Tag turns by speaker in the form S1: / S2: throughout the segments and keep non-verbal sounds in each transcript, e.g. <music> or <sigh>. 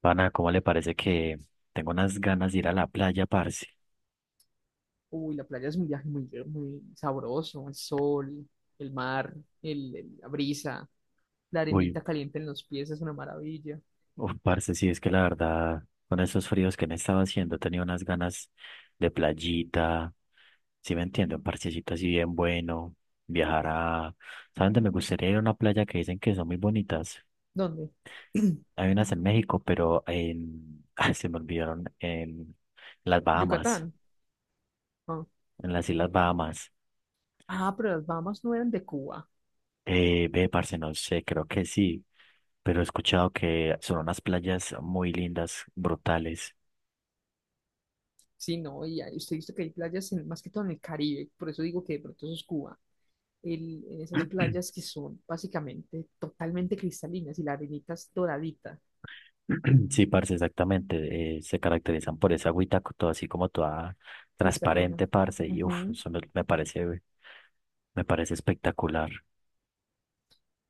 S1: Pana, ¿cómo le parece que tengo unas ganas de ir a la playa, parce?
S2: Uy, la playa es un viaje muy sabroso, el sol, el mar, la brisa, la
S1: Uy,
S2: arenita caliente en los pies es una maravilla.
S1: uf, parce, sí, es que la verdad, con esos fríos que me estaba haciendo, he tenido unas ganas de playita, ¿sí me entiendo? Un parchecito así bien bueno, viajar a... ¿Saben dónde me gustaría ir a una playa que dicen que son muy bonitas?
S2: ¿Dónde?
S1: Hay unas en México, pero en... <laughs> ay, se me olvidaron, en las Bahamas,
S2: Yucatán. Ah,
S1: en las Islas Bahamas.
S2: Ah, pero las Bahamas no eran de Cuba.
S1: Ve, parce, no sé, creo que sí. Pero he escuchado que son unas playas muy lindas, brutales.
S2: Sí, no, y ahí usted visto que hay playas más que todo en el Caribe, por eso digo que de pronto eso es Cuba. En esas
S1: <clears throat>
S2: playas que son básicamente totalmente cristalinas y la arenita es doradita,
S1: Sí, parce, exactamente. Se caracterizan por esa agüita, co- todo así como toda
S2: cristalina.
S1: transparente, parce. Y uff,
S2: Ujú.
S1: eso me parece espectacular.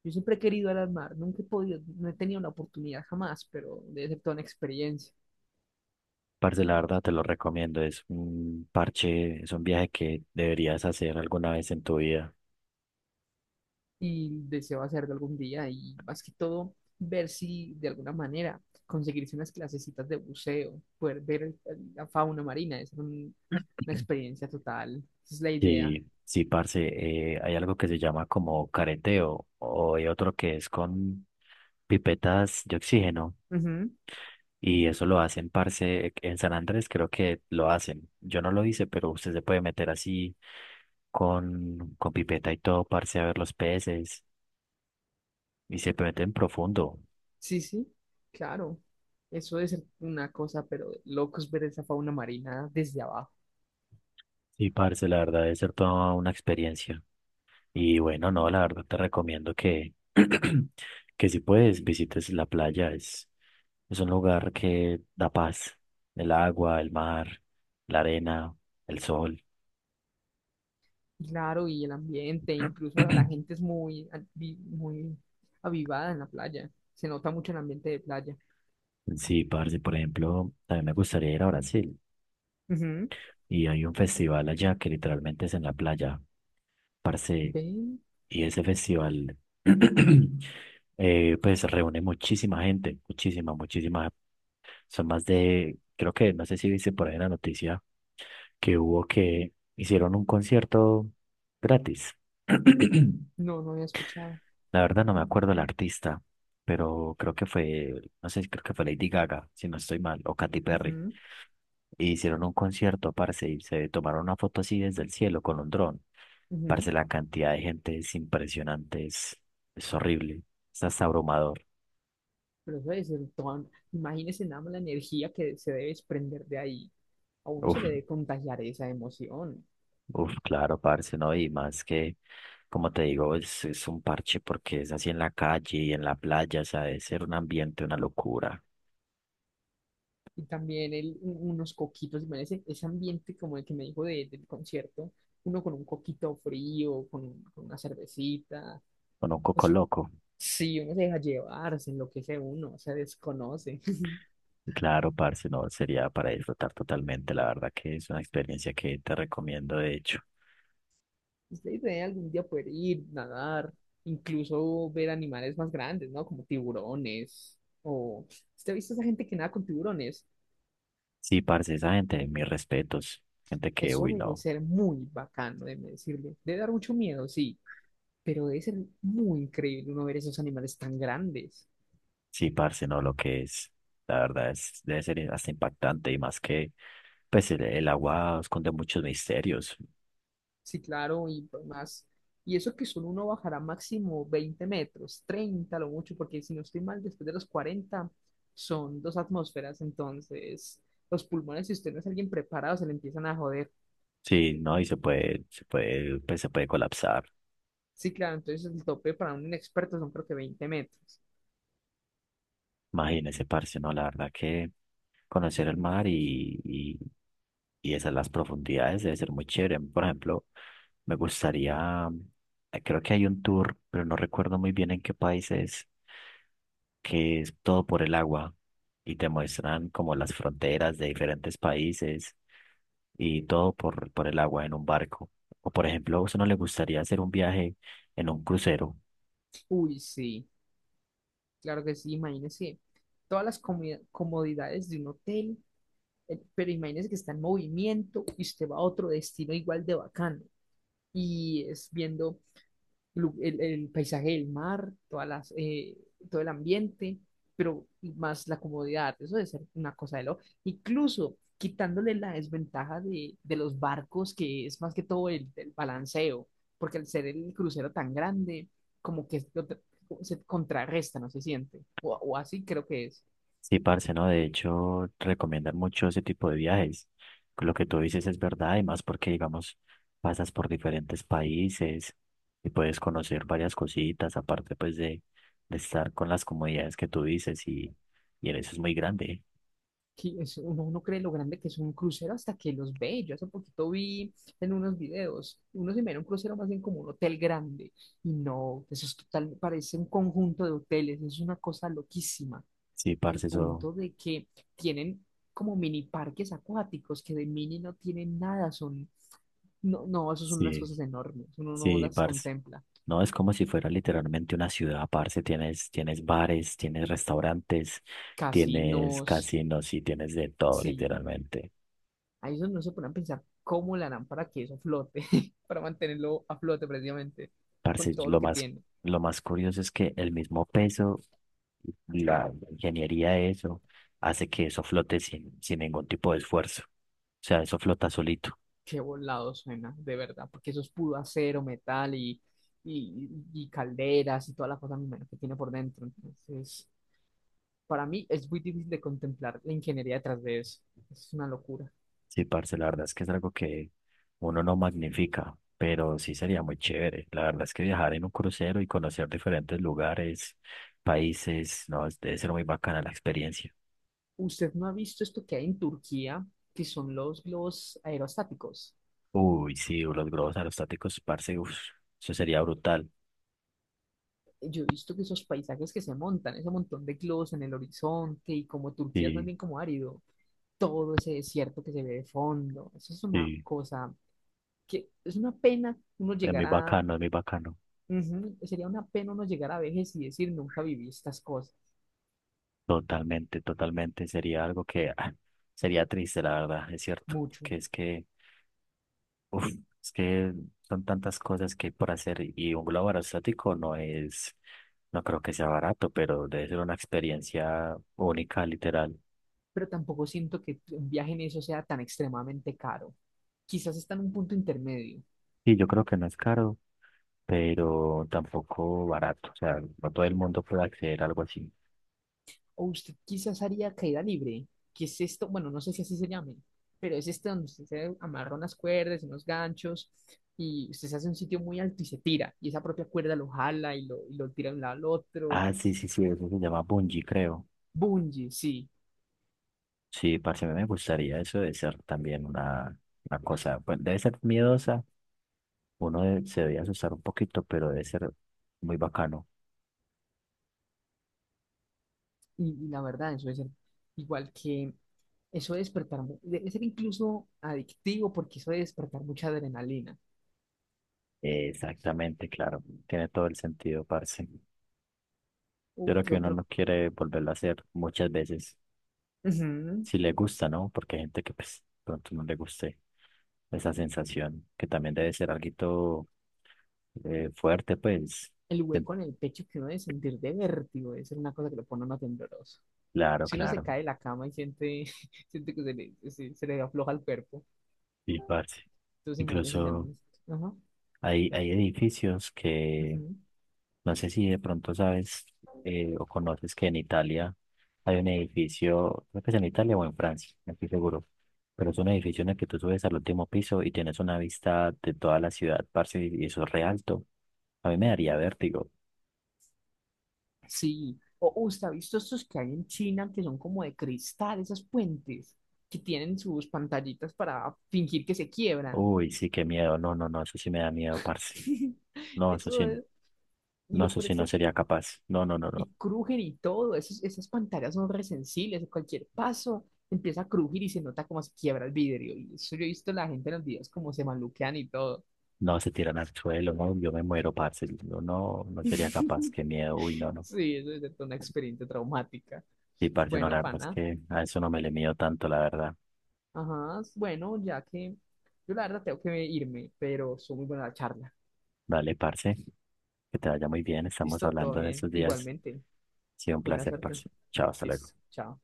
S2: Yo siempre he querido ir al mar, nunca he podido, no he tenido la oportunidad jamás, pero debe ser toda una experiencia
S1: Parce, la verdad te lo recomiendo. Es un parche, es un viaje que deberías hacer alguna vez en tu vida.
S2: y deseo hacerlo algún día y más que todo ver si de alguna manera conseguirse unas clasecitas de buceo, poder ver la fauna marina, una experiencia total, esa es la idea.
S1: Sí, sí, parce, hay algo que se llama como careteo o hay otro que es con pipetas de oxígeno.
S2: Ujú.
S1: Y eso lo hacen, parce, en San Andrés creo que lo hacen. Yo no lo hice, pero usted se puede meter así con pipeta y todo, parce, a ver los peces. Y se meten profundo.
S2: Sí, sí, claro. Eso es una cosa, pero de locos ver esa fauna marina desde abajo.
S1: Y parce, la verdad debe ser toda una experiencia. Y bueno, no, la verdad te recomiendo <clears throat> que si puedes, visites la playa. Es un lugar que da paz. El agua, el mar, la arena, el sol.
S2: Claro, y el ambiente, incluso ahora la gente es
S1: <clears throat>
S2: muy, muy avivada en la playa. Se nota mucho el ambiente de playa.
S1: Sí, parce, por ejemplo, también me gustaría ir a Brasil.
S2: Ujú.
S1: Y hay un festival allá que literalmente es en la playa, parce,
S2: ¿Ven?
S1: y ese festival <clears throat> pues reúne muchísima gente, muchísima, muchísima. Son más de, creo que, no sé si viste por ahí en la noticia que hubo que hicieron un concierto gratis. <clears throat>
S2: No, no había escuchado.
S1: La verdad no me acuerdo el artista, pero creo que fue, no sé, creo que fue Lady Gaga, si no estoy mal, o Katy Perry.
S2: Ujú,
S1: Y hicieron un concierto, parce, y se tomaron una foto así desde el cielo con un dron.
S2: ujú.
S1: Parce, la cantidad de gente es impresionante, es horrible, es hasta abrumador.
S2: Pero eso debe ser toda... Imagínese nada más la energía que se debe desprender de ahí. A uno se
S1: Uf,
S2: le debe contagiar esa emoción.
S1: uf, claro, parce, ¿no? Y más que, como te digo, es un parche porque es así en la calle y en la playa, o sea, debe ser un ambiente, una locura,
S2: Y también unos coquitos, imagínese ese ambiente como el que me dijo del concierto. Uno con un coquito frío, con, con una cervecita.
S1: con un coco
S2: Eso,
S1: loco.
S2: sí, uno se deja llevar, se enloquece uno, se desconoce. <laughs>
S1: Claro, parce, no, sería para disfrutar totalmente, la verdad que es una experiencia que te recomiendo, de hecho.
S2: Ustedes deben algún día poder ir, nadar, incluso ver animales más grandes, ¿no? Como tiburones. O, ¿usted ha visto esa gente que nada con tiburones?
S1: Sí, parce, esa gente, mis respetos, gente que,
S2: Eso
S1: uy,
S2: debe
S1: no.
S2: ser muy bacano, déjeme decirle. Debe dar mucho miedo, sí, pero debe ser muy increíble uno ver esos animales tan grandes.
S1: Sí, parce, no, lo que es, la verdad es, debe ser hasta impactante y más que, pues el agua esconde muchos misterios,
S2: Sí, claro, y pues, más. Y eso que solo uno bajará máximo 20 metros, 30 lo mucho, porque si no estoy mal, después de los 40 son 2 atmósferas, entonces los pulmones, si usted no es alguien preparado, se le empiezan a joder.
S1: sí, ¿no? Y se puede colapsar.
S2: Sí, claro, entonces el tope para un inexperto son creo que 20 metros.
S1: Imagínese, parce, no, la verdad que conocer el mar y esas las profundidades debe ser muy chévere. Por ejemplo, me gustaría, creo que hay un tour, pero no recuerdo muy bien en qué país es, que es todo por el agua y te muestran como las fronteras de diferentes países y todo por el agua en un barco. O por ejemplo, a uno le gustaría hacer un viaje en un crucero.
S2: Uy, sí, claro que sí, imagínese todas las comodidades de un hotel. Pero imagínese que está en movimiento y usted va a otro destino igual de bacano. Y es viendo el paisaje del mar, todas las, todo el ambiente, pero más la comodidad. Eso debe ser una cosa de lo. Incluso quitándole la desventaja de los barcos, que es más que todo el balanceo, porque al ser el crucero tan grande, como que lo tra- se contrarresta, no se siente. O así creo que es.
S1: Sí, parce, ¿no? De hecho, recomiendan mucho ese tipo de viajes. Lo que tú dices es verdad, y más porque, digamos, pasas por diferentes países y puedes conocer varias cositas, aparte, pues, de estar con las comodidades que tú dices, y en eso es muy grande.
S2: Que uno no cree lo grande que es un crucero hasta que los ve. Yo hace poquito vi en unos videos, uno se mira un crucero más bien como un hotel grande. Y no, eso es total, parece un conjunto de hoteles, es una cosa loquísima,
S1: Sí,
S2: al
S1: parce, eso,
S2: punto de que tienen como mini parques acuáticos, que de mini no tienen nada, son, no, no, eso son unas
S1: sí,
S2: cosas enormes, uno no
S1: sí,
S2: las
S1: parce.
S2: contempla.
S1: No, es como si fuera literalmente una ciudad, parce. Tienes bares, tienes restaurantes, tienes
S2: Casinos,
S1: casinos y tienes de todo,
S2: sí.
S1: literalmente.
S2: Ahí es donde no se ponen a pensar cómo le harán para que eso flote, <laughs> para mantenerlo a flote precisamente,
S1: Parce,
S2: con todo lo que tiene.
S1: lo más curioso es que el mismo peso, la ingeniería de eso, hace que eso flote sin ningún tipo de esfuerzo. O sea, eso flota solito.
S2: Qué volado suena, de verdad, porque eso es puro acero, metal y calderas y toda la cosa me imagino, que tiene por dentro. Entonces, para mí es muy difícil de contemplar la ingeniería detrás de eso. Es una locura.
S1: Sí, parce, la verdad es que es algo que uno no magnifica, pero sí sería muy chévere. La verdad es que viajar en un crucero y conocer diferentes lugares, países, no, debe ser muy bacana la experiencia.
S2: ¿Usted no ha visto esto que hay en Turquía, que son los globos aerostáticos?
S1: Uy, sí, los globos aerostáticos, parce, uf, eso sería brutal.
S2: Yo he visto que esos paisajes que se montan, ese montón de globos en el horizonte y como Turquía es más
S1: Sí,
S2: bien como árido, todo ese desierto que se ve de fondo. Eso es una
S1: sí,
S2: cosa que es una pena uno
S1: es
S2: llegar
S1: muy
S2: a,
S1: bacano, es muy bacano.
S2: ujú, sería una pena uno llegar a vejez y decir nunca viví estas cosas
S1: Totalmente, totalmente. Sería algo que ah, sería triste, la verdad, es cierto.
S2: mucho,
S1: Que es que, uf, es que son tantas cosas que hay por hacer y un globo aerostático no es, no creo que sea barato, pero debe ser una experiencia única, literal.
S2: pero tampoco siento que un viaje en eso sea tan extremadamente caro. Quizás está en un punto intermedio,
S1: Y yo creo que no es caro, pero tampoco barato. O sea, no todo el mundo puede acceder a algo así.
S2: o usted quizás haría caída libre, que es esto, bueno, no sé si así se llame, pero es este donde usted se amarra unas cuerdas, unos ganchos, y usted se hace un sitio muy alto y se tira, y esa propia cuerda lo jala y lo tira de un lado al otro.
S1: Ah, sí, sí, sí, eso se llama bungee, creo.
S2: Bungie, sí.
S1: Sí, parce, a mí me gustaría eso de ser también una cosa, pues debe ser miedosa. Uno de- se debe asustar un poquito, pero debe ser muy bacano.
S2: Y la verdad, eso es igual que eso de despertar, debe ser incluso adictivo porque eso de despertar mucha adrenalina.
S1: Exactamente, claro. Tiene todo el sentido, parce.
S2: O
S1: Yo creo
S2: que
S1: que uno
S2: otro,
S1: no quiere volverlo a hacer muchas veces.
S2: ujú.
S1: Si le gusta, ¿no? Porque hay gente que pues pronto no le guste esa sensación, que también debe ser algo fuerte, pues.
S2: El
S1: Ten-
S2: hueco en el pecho que uno debe sentir de vértigo, debe ser una cosa que lo pone a uno tembloroso.
S1: claro,
S2: Si uno se
S1: claro.
S2: cae de la cama y siente, <laughs> siente que se le afloja el cuerpo,
S1: Y parce.
S2: entonces imagínese ya
S1: Incluso.
S2: no. Ajá.
S1: Hay edificios que,
S2: Ujú.
S1: no sé si de pronto sabes o conoces que en Italia hay un edificio, creo que es en Italia o en Francia, no estoy seguro, pero es un edificio en el que tú subes al último piso y tienes una vista de toda la ciudad, parce, y eso es re alto. A mí me daría vértigo.
S2: Sí, o usted ha visto estos que hay en China que son como de cristal, esos puentes que tienen sus pantallitas para fingir que se quiebran.
S1: Uy, sí, qué miedo. No, no, no, eso sí me da miedo, parce.
S2: <laughs>
S1: No, eso
S2: Eso
S1: sí,
S2: es, y
S1: no,
S2: lo
S1: eso
S2: peor
S1: sí
S2: es
S1: no
S2: que,
S1: sería capaz. No, no, no,
S2: y
S1: no.
S2: crujen y todo, esos, esas pantallas son resensibles, cualquier paso empieza a crujir y se nota como se quiebra el vidrio. Y eso yo he visto la gente en los videos como se maluquean y todo.
S1: No, se tiran al suelo, no, yo me muero, parce. Yo no, no sería capaz,
S2: <laughs>
S1: qué miedo. Uy, no, no.
S2: Sí, eso es de toda una experiencia traumática.
S1: Sí, parce, no, la
S2: Bueno,
S1: verdad es
S2: pana,
S1: que a eso no me le mido tanto, la verdad.
S2: ajá, bueno, ya que yo la verdad tengo que irme, pero fue muy buena la charla.
S1: Dale, parce, que te vaya muy bien. Estamos
S2: Listo, todo
S1: hablando en
S2: bien.
S1: estos días.
S2: Igualmente,
S1: Ha sido un
S2: buena
S1: placer,
S2: suerte.
S1: parce. Chao, hasta luego.
S2: Listo, chao.